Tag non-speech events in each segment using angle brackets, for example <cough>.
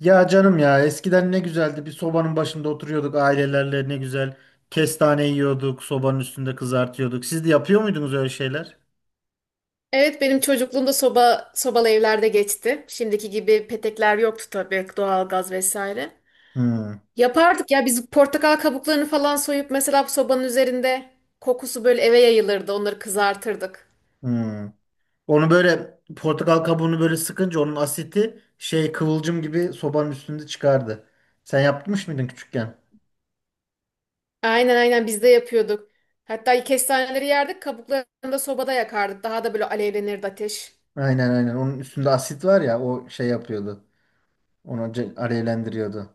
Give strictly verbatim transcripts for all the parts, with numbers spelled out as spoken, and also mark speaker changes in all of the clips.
Speaker 1: Ya canım ya, eskiden ne güzeldi. Bir sobanın başında oturuyorduk ailelerle, ne güzel kestane yiyorduk, sobanın üstünde kızartıyorduk. Siz de yapıyor muydunuz öyle şeyler?
Speaker 2: Evet benim çocukluğumda soba sobalı evlerde geçti. Şimdiki gibi petekler yoktu tabii, doğalgaz vesaire.
Speaker 1: Hmm.
Speaker 2: Yapardık ya biz portakal kabuklarını falan soyup mesela, bu sobanın üzerinde kokusu böyle eve yayılırdı. Onları kızartırdık.
Speaker 1: Hmm. Onu böyle, portakal kabuğunu böyle sıkınca onun asiti şey, kıvılcım gibi sobanın üstünde çıkardı. Sen yapmış mıydın küçükken?
Speaker 2: Aynen aynen, biz de yapıyorduk. Hatta kestaneleri yerdik, kabuklarını da sobada yakardık. Daha da böyle alevlenirdi ateş.
Speaker 1: Aynen, aynen, onun üstünde asit var ya, o şey yapıyordu. Onu ce- alevlendiriyordu.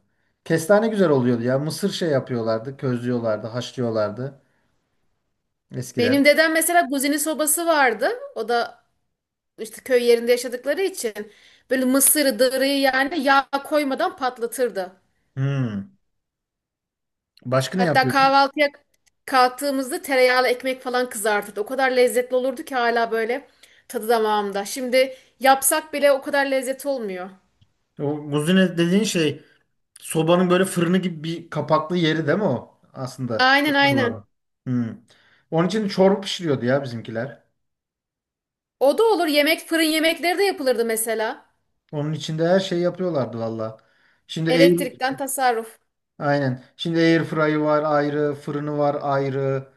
Speaker 1: Kestane güzel oluyordu ya, mısır şey yapıyorlardı, közlüyorlardı, haşlıyorlardı eskiden.
Speaker 2: Benim dedem mesela guzini sobası vardı. O da işte köy yerinde yaşadıkları için böyle mısırı, dırıyı yani yağ koymadan patlatırdı.
Speaker 1: Hmm. Başka ne
Speaker 2: Hatta
Speaker 1: yapıyorsun?
Speaker 2: kahvaltıya kalktığımızda tereyağlı ekmek falan kızartırdı. O kadar lezzetli olurdu ki hala böyle tadı damağımda. Şimdi yapsak bile o kadar lezzet olmuyor.
Speaker 1: O muzine dediğin şey, sobanın böyle fırını gibi bir kapaklı yeri değil mi o aslında?
Speaker 2: Aynen aynen.
Speaker 1: Bilmiyorum. Hmm. Onun için çorba pişiriyordu ya bizimkiler.
Speaker 2: O da olur. Yemek, fırın yemekleri de yapılırdı mesela.
Speaker 1: Onun içinde her şey yapıyorlardı valla. Şimdi air,
Speaker 2: Elektrikten tasarruf.
Speaker 1: aynen. Şimdi air fry'ı var ayrı, fırını var ayrı.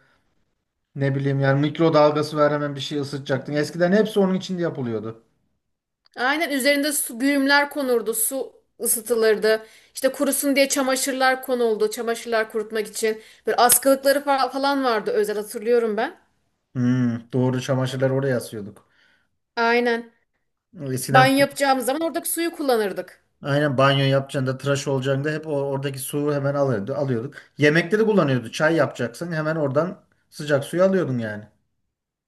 Speaker 1: Ne bileyim yani, mikrodalgası var, hemen bir şey ısıtacaktın. Eskiden hepsi onun içinde yapılıyordu.
Speaker 2: Aynen, üzerinde su güğümler konurdu. Su ısıtılırdı. İşte kurusun diye çamaşırlar konuldu. Çamaşırlar kurutmak için. Böyle askılıkları fa- falan vardı, özel hatırlıyorum ben.
Speaker 1: Hmm, doğru, çamaşırları oraya asıyorduk.
Speaker 2: Aynen.
Speaker 1: Eskiden.
Speaker 2: Banyo yapacağımız zaman oradaki suyu kullanırdık.
Speaker 1: Aynen, banyo yapacağında, tıraş olacağında hep o, oradaki suyu hemen alıyordu, alıyorduk. Yemekte de kullanıyordu. Çay yapacaksın, hemen oradan sıcak suyu alıyordun yani.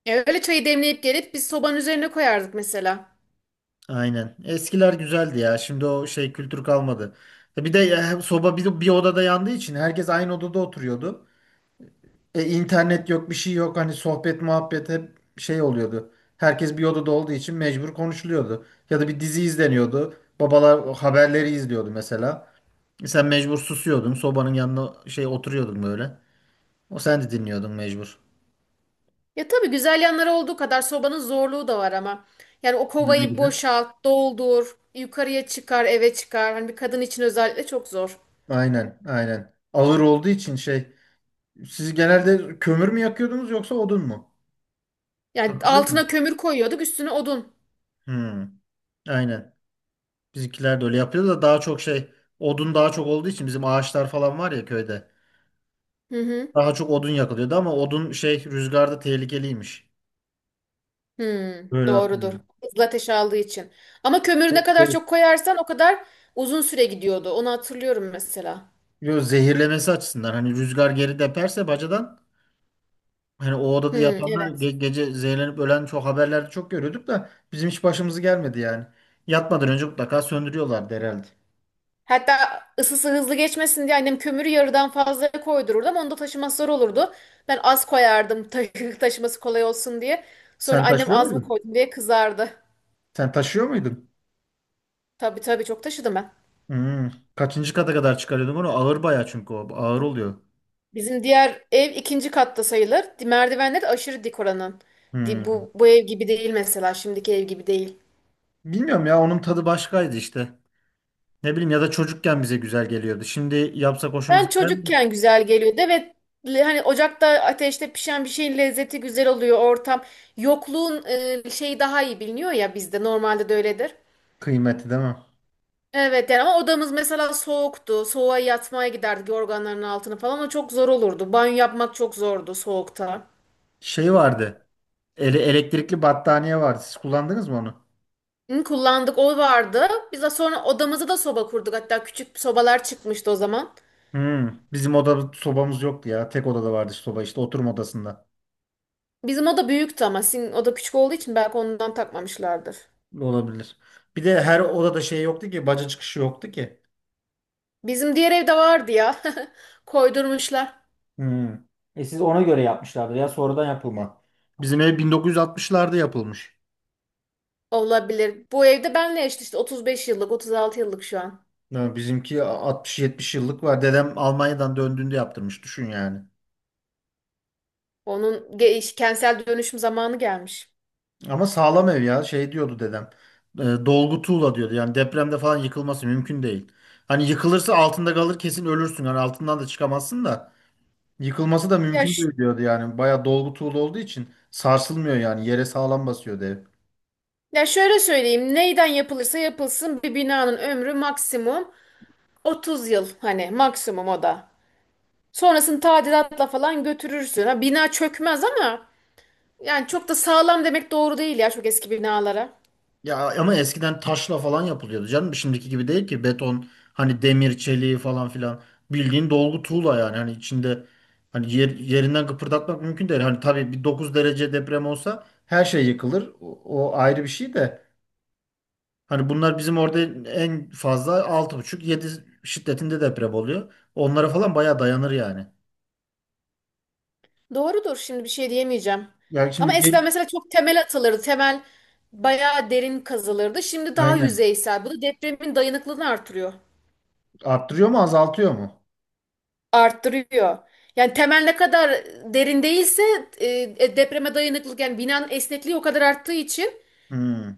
Speaker 2: E, öyle çayı demleyip gelip biz sobanın üzerine koyardık mesela.
Speaker 1: Aynen. Eskiler güzeldi ya. Şimdi o şey, kültür kalmadı. E Bir de e, soba bir, bir odada yandığı için herkes aynı odada oturuyordu. E, internet yok, bir şey yok. Hani sohbet, muhabbet hep şey oluyordu. Herkes bir odada olduğu için mecbur konuşuluyordu. Ya da bir dizi izleniyordu. Babalar o haberleri izliyordu mesela. E, Sen mecbur susuyordun. Sobanın yanına şey oturuyordun böyle. O, sen de dinliyordun mecbur.
Speaker 2: Ya tabii, güzel yanları olduğu kadar sobanın zorluğu da var ama. Yani o
Speaker 1: Ne
Speaker 2: kovayı
Speaker 1: gibi?
Speaker 2: boşalt, doldur, yukarıya çıkar, eve çıkar. Hani bir kadın için özellikle çok zor.
Speaker 1: Aynen, aynen. Ağır olduğu için şey. Siz genelde kömür mü yakıyordunuz, yoksa odun mu?
Speaker 2: Yani
Speaker 1: Hatırlıyor
Speaker 2: altına
Speaker 1: musun?
Speaker 2: kömür koyuyorduk, üstüne odun.
Speaker 1: Hmm, aynen. Bizimkiler de öyle yapıyordu da, daha çok şey, odun daha çok olduğu için, bizim ağaçlar falan var ya köyde.
Speaker 2: Hı hı.
Speaker 1: Daha çok odun yakılıyordu, ama odun şey, rüzgarda tehlikeliymiş.
Speaker 2: Hı,
Speaker 1: Böyle
Speaker 2: doğrudur.
Speaker 1: hatırlıyorum.
Speaker 2: Hızlı ateş aldığı için. Ama kömürü ne
Speaker 1: Çok
Speaker 2: kadar
Speaker 1: tehlikeli.
Speaker 2: çok koyarsan o kadar uzun süre gidiyordu. Onu hatırlıyorum mesela.
Speaker 1: Yo, zehirlemesi açısından, hani rüzgar geri deperse bacadan. Hani o
Speaker 2: Hı,
Speaker 1: odada yatanlar ge-
Speaker 2: evet.
Speaker 1: gece zehirlenip ölen, çok haberlerde çok görüyorduk da bizim hiç başımızı gelmedi yani. Yatmadan önce mutlaka söndürüyorlardı herhalde.
Speaker 2: Hatta ısısı hızlı geçmesin diye annem kömürü yarıdan fazla koydururdu ama onu da taşıması zor olurdu. Ben az koyardım ta- <laughs> taşıması kolay olsun diye. Sonra
Speaker 1: Sen
Speaker 2: annem
Speaker 1: taşıyor
Speaker 2: az mı
Speaker 1: muydun?
Speaker 2: koydum diye kızardı.
Speaker 1: Sen taşıyor muydun?
Speaker 2: Tabii tabii, çok taşıdım ben.
Speaker 1: Hmm. Kaçıncı kata kadar çıkarıyordum onu? Ağır bayağı, çünkü o ağır oluyor.
Speaker 2: Bizim diğer ev ikinci katta sayılır. Merdivenleri de aşırı dik oranın. Di-
Speaker 1: Hmm.
Speaker 2: Bu, bu ev gibi değil mesela, şimdiki ev gibi değil.
Speaker 1: Bilmiyorum ya, onun tadı başkaydı işte. Ne bileyim, ya da çocukken bize güzel geliyordu. Şimdi yapsak
Speaker 2: Ben
Speaker 1: hoşumuza gider mi?
Speaker 2: çocukken güzel geliyordu ve le- hani ocakta, ateşte pişen bir şeyin lezzeti güzel oluyor ortam. Yokluğun e, şeyi daha iyi biliniyor ya, bizde normalde de öyledir.
Speaker 1: Kıymeti değil mi?
Speaker 2: Evet yani, ama odamız mesela soğuktu. Soğuğa yatmaya giderdik, yorganların altına falan. O çok zor olurdu. Banyo yapmak çok zordu soğukta.
Speaker 1: Şey vardı. Ele, elektrikli battaniye vardı. Siz kullandınız mı onu?
Speaker 2: Hı, kullandık, o vardı. Biz de sonra odamızı da soba kurduk. Hatta küçük sobalar çıkmıştı o zaman.
Speaker 1: Hmm, bizim odada sobamız yoktu ya. Tek odada vardı işte soba, işte oturma odasında.
Speaker 2: Bizim oda büyüktü ama sizin oda küçük olduğu için belki ondan takmamışlardır.
Speaker 1: Olabilir. Bir de her odada şey yoktu ki. Baca çıkışı yoktu ki.
Speaker 2: Bizim diğer evde vardı ya. <laughs> Koydurmuşlar.
Speaker 1: Hmm. E siz ona göre yapmışlardır ya, sonradan yapılma. Bizim ev bin dokuz yüz altmışlarda yapılmış.
Speaker 2: Olabilir. Bu evde benle eşit işte, otuz beş yıllık, otuz altı yıllık şu an.
Speaker 1: Yani bizimki altmış yetmiş yıllık var. Dedem Almanya'dan döndüğünde yaptırmış. Düşün yani.
Speaker 2: Onun ge- iş- kentsel dönüşüm zamanı gelmiş.
Speaker 1: Ama sağlam ev ya. Şey diyordu dedem. E, dolgu tuğla diyordu. Yani depremde falan yıkılması mümkün değil. Hani yıkılırsa altında kalır, kesin ölürsün. Hani altından da çıkamazsın da. Yıkılması da
Speaker 2: Ya
Speaker 1: mümkün
Speaker 2: ş-
Speaker 1: değil diyordu yani. Bayağı dolgu tuğla olduğu için sarsılmıyor yani. Yere sağlam basıyor ev.
Speaker 2: Ya şöyle söyleyeyim, neyden yapılırsa yapılsın bir binanın ömrü maksimum otuz yıl, hani maksimum o da. Sonrasını tadilatla falan götürürsün. Ha, bina çökmez ama yani çok da sağlam demek doğru değil ya çok eski binalara.
Speaker 1: Ya ama eskiden taşla falan yapılıyordu canım. Şimdiki gibi değil ki, beton, hani demir, çeliği falan filan. Bildiğin dolgu tuğla yani. Hani içinde, hani yer, yerinden kıpırdatmak mümkün değil. Hani tabii bir dokuz derece deprem olsa her şey yıkılır. O, o ayrı bir şey de. Hani bunlar bizim orada en fazla altı buçuk yedi şiddetinde deprem oluyor. Onlara falan bayağı dayanır yani.
Speaker 2: Doğrudur, şimdi bir şey diyemeyeceğim.
Speaker 1: Ya
Speaker 2: Ama
Speaker 1: şimdi gel-
Speaker 2: eskiden mesela çok temel atılırdı. Temel bayağı derin kazılırdı. Şimdi daha
Speaker 1: Aynen.
Speaker 2: yüzeysel. Bu da depremin dayanıklılığını artırıyor.
Speaker 1: Arttırıyor mu, azaltıyor mu?
Speaker 2: Arttırıyor. Yani temel ne kadar derin değilse e, e, depreme dayanıklılık, yani binanın esnekliği o kadar arttığı için
Speaker 1: Hmm.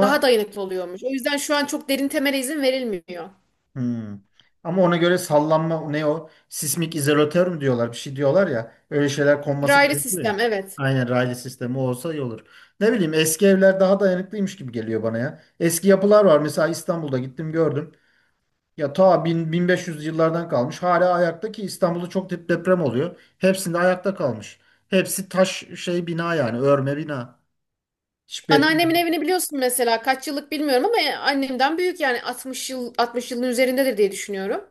Speaker 2: daha dayanıklı oluyormuş. O yüzden şu an çok derin temele izin verilmiyor.
Speaker 1: hmm. Ama ona göre sallanma ne o? Sismik izolatör mü diyorlar? Bir şey diyorlar ya. Öyle şeyler konması
Speaker 2: Raylı
Speaker 1: gerekiyor
Speaker 2: sistem,
Speaker 1: ya.
Speaker 2: evet.
Speaker 1: Aynen, raylı sistemi olsa iyi olur. Ne bileyim, eski evler daha dayanıklıymış gibi geliyor bana ya. Eski yapılar var. Mesela İstanbul'da gittim, gördüm. Ya ta bin, bin beş yüz yıllardan kalmış. Hala ayakta, ki İstanbul'da çok dep- deprem oluyor. Hepsinde ayakta kalmış. Hepsi taş şey bina, yani örme bina. Hiç.
Speaker 2: Anneannemin evini biliyorsun mesela, kaç yıllık bilmiyorum ama annemden büyük, yani altmış yıl, altmış yılın üzerindedir diye düşünüyorum.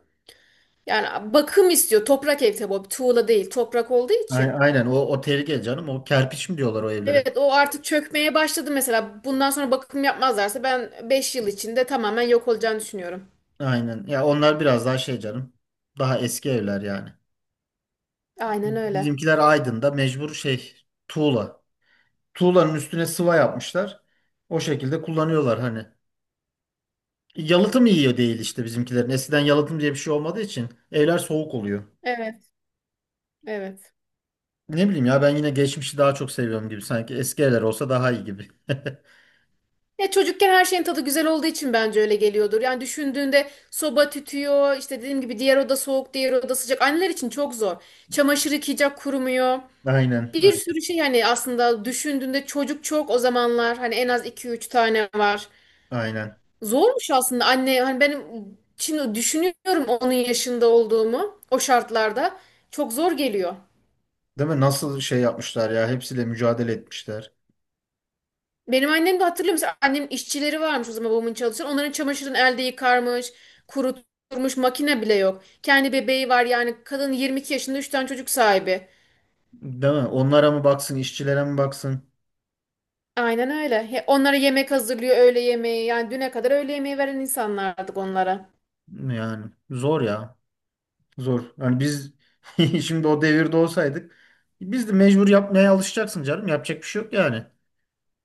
Speaker 2: Yani bakım istiyor. Toprak ev tabii, o bir tuğla değil. Toprak olduğu
Speaker 1: Ay-
Speaker 2: için.
Speaker 1: Aynen, o, o tehlike canım. O kerpiç mi diyorlar o evlere?
Speaker 2: Evet, o artık çökmeye başladı mesela. Bundan sonra bakım yapmazlarsa ben beş yıl içinde tamamen yok olacağını düşünüyorum.
Speaker 1: Aynen. Ya onlar biraz daha şey canım. Daha eski evler yani.
Speaker 2: Aynen öyle.
Speaker 1: Bizimkiler Aydın'da mecbur şey, tuğla. Tuğlanın üstüne sıva yapmışlar. O şekilde kullanıyorlar hani. Yalıtım iyi değil işte bizimkilerin. Eskiden yalıtım diye bir şey olmadığı için evler soğuk oluyor.
Speaker 2: Evet, evet.
Speaker 1: Ne bileyim ya, ben yine geçmişi daha çok seviyorum gibi. Sanki eski evler olsa daha iyi gibi.
Speaker 2: Ya çocukken her şeyin tadı güzel olduğu için bence öyle geliyordur. Yani düşündüğünde soba tütüyor, işte dediğim gibi diğer oda soğuk, diğer oda sıcak. Anneler için çok zor. Çamaşır yıkayacak, kurumuyor.
Speaker 1: <laughs> Aynen.
Speaker 2: Bir sürü şey, hani aslında düşündüğünde çocuk çok o zamanlar, hani en az iki üç tane var.
Speaker 1: Aynen.
Speaker 2: Zormuş aslında anne, hani benim şimdi düşünüyorum onun yaşında olduğumu, o şartlarda çok zor geliyor.
Speaker 1: Değil mi? Nasıl şey yapmışlar ya. Hepsiyle mücadele etmişler.
Speaker 2: Benim annem de, hatırlıyor musun? Annemin işçileri varmış o zaman, babamın çalışan. Onların çamaşırını elde yıkarmış, kurutmuş, makine bile yok. Kendi bebeği var, yani kadın yirmi iki yaşında üç tane çocuk sahibi.
Speaker 1: Değil mi? Onlara mı baksın, işçilere mi baksın?
Speaker 2: Aynen öyle. He- Onlara yemek hazırlıyor, öğle yemeği. Yani düne kadar öğle yemeği veren insanlardık onlara.
Speaker 1: Yani zor ya. Zor. Yani biz <laughs> şimdi o devirde olsaydık, biz de mecbur yapmaya alışacaksın canım. Yapacak bir şey yok yani.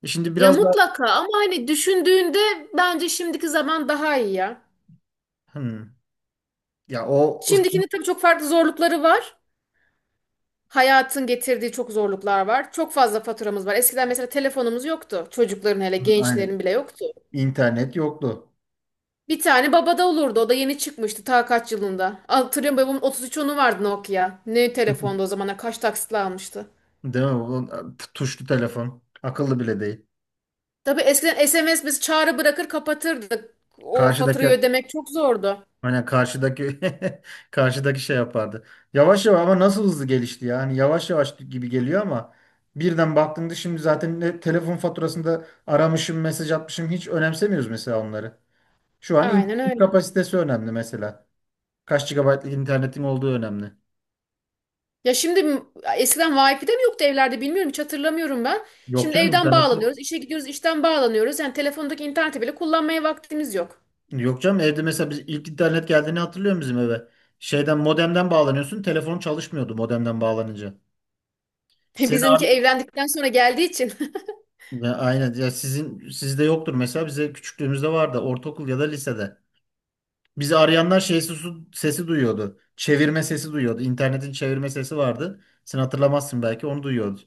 Speaker 1: E Şimdi
Speaker 2: Ya
Speaker 1: biraz daha.
Speaker 2: mutlaka, ama hani düşündüğünde bence şimdiki zaman daha iyi ya.
Speaker 1: Hmm. Ya o ıs-.
Speaker 2: Şimdikinin tabii çok farklı zorlukları var. Hayatın getirdiği çok zorluklar var. Çok fazla faturamız var. Eskiden mesela telefonumuz yoktu. Çocukların, hele gençlerin
Speaker 1: Aynen,
Speaker 2: bile yoktu.
Speaker 1: internet yoktu.
Speaker 2: Bir tane babada olurdu. O da yeni çıkmıştı ta kaç yılında. Hatırlıyorum, babamın otuz üç onu vardı, Nokia. Ne telefondu o
Speaker 1: <laughs>
Speaker 2: zamanlar, kaç taksitle almıştı.
Speaker 1: Değil mi? O- Tuşlu telefon. Akıllı bile değil.
Speaker 2: Tabii eskiden S M S, biz çağrı bırakır kapatırdık. O faturayı
Speaker 1: Karşıdaki.
Speaker 2: ödemek çok zordu.
Speaker 1: Aynen, karşıdaki. <laughs> Karşıdaki şey yapardı. Yavaş yavaş, ama nasıl hızlı gelişti ya. Hani yavaş yavaş gibi geliyor ama, birden baktığında, şimdi zaten ne telefon faturasında aramışım, mesaj atmışım, hiç önemsemiyoruz mesela onları. Şu an
Speaker 2: Aynen
Speaker 1: internet
Speaker 2: öyle.
Speaker 1: kapasitesi önemli mesela. Kaç gigabaytlık internetin olduğu önemli.
Speaker 2: Ya şimdi m- Eskiden Wi-Fi de mi yoktu evlerde, bilmiyorum, hiç hatırlamıyorum ben.
Speaker 1: Yok
Speaker 2: Şimdi
Speaker 1: canım,
Speaker 2: evden
Speaker 1: internet yok.
Speaker 2: bağlanıyoruz, işe gidiyoruz, işten bağlanıyoruz. Yani telefondaki interneti bile kullanmaya vaktimiz yok.
Speaker 1: Yok canım, evde mesela biz ilk internet geldiğini hatırlıyor musun bizim eve? Şeyden, modemden bağlanıyorsun, telefon çalışmıyordu modemden bağlanınca.
Speaker 2: <laughs>
Speaker 1: Seni
Speaker 2: Bizimki
Speaker 1: arıyor.
Speaker 2: evlendikten sonra geldiği için.
Speaker 1: Ya aynen. Ya sizin, sizde yoktur mesela, bize küçüklüğümüzde vardı, ortaokul ya da lisede. Bizi arayanlar şey sesi, sesi duyuyordu. Çevirme sesi duyuyordu. İnternetin çevirme sesi vardı. Sen hatırlamazsın belki, onu duyuyordu.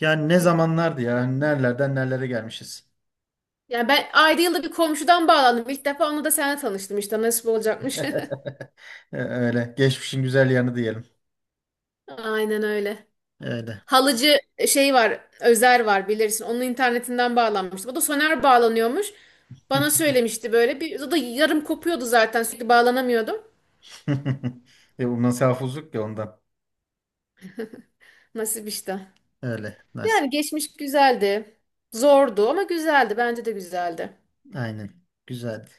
Speaker 1: Yani ne
Speaker 2: <laughs>
Speaker 1: zamanlardı ya. Hani nerelerden nerelere gelmişiz.
Speaker 2: Yani ben ayda yılda bir komşudan bağlandım. İlk defa onunla da seninle tanıştım işte, nasip olacakmış.
Speaker 1: E, Öyle. Geçmişin güzel yanı diyelim.
Speaker 2: <laughs> Aynen öyle.
Speaker 1: Öyle.
Speaker 2: Halıcı e, şey var, Özer var, bilirsin. Onun internetinden bağlanmıştım. O da Soner bağlanıyormuş. Bana söylemişti böyle. Bir, o da yarım kopuyordu, zaten sürekli bağlanamıyordum.
Speaker 1: <laughs> E, bu nasıl, ya ondan.
Speaker 2: Nasip işte.
Speaker 1: Öyle. Nasip.
Speaker 2: Yani geçmiş güzeldi. Zordu ama güzeldi. Bence de güzeldi.
Speaker 1: Aynen. Güzeldi.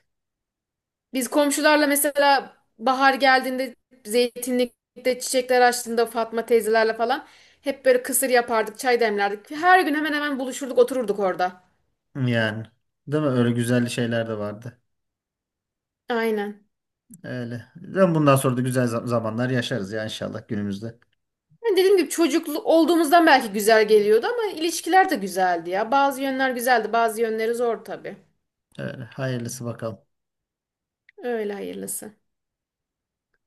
Speaker 2: Biz komşularla mesela bahar geldiğinde, zeytinlikte çiçekler açtığında Fatma teyzelerle falan hep böyle kısır yapardık, çay demlerdik. Her gün hemen hemen buluşurduk, otururduk orada.
Speaker 1: Yani. Değil mi? Öyle güzel şeyler de vardı.
Speaker 2: Aynen.
Speaker 1: Öyle. Ben bundan sonra da güzel za- zamanlar yaşarız ya inşallah günümüzde.
Speaker 2: Yani dediğim gibi çocuklu olduğumuzdan belki güzel geliyordu ama ilişkiler de güzeldi ya. Bazı yönler güzeldi, bazı yönleri zor tabii.
Speaker 1: Öyle. Hayırlısı bakalım.
Speaker 2: Öyle hayırlısı.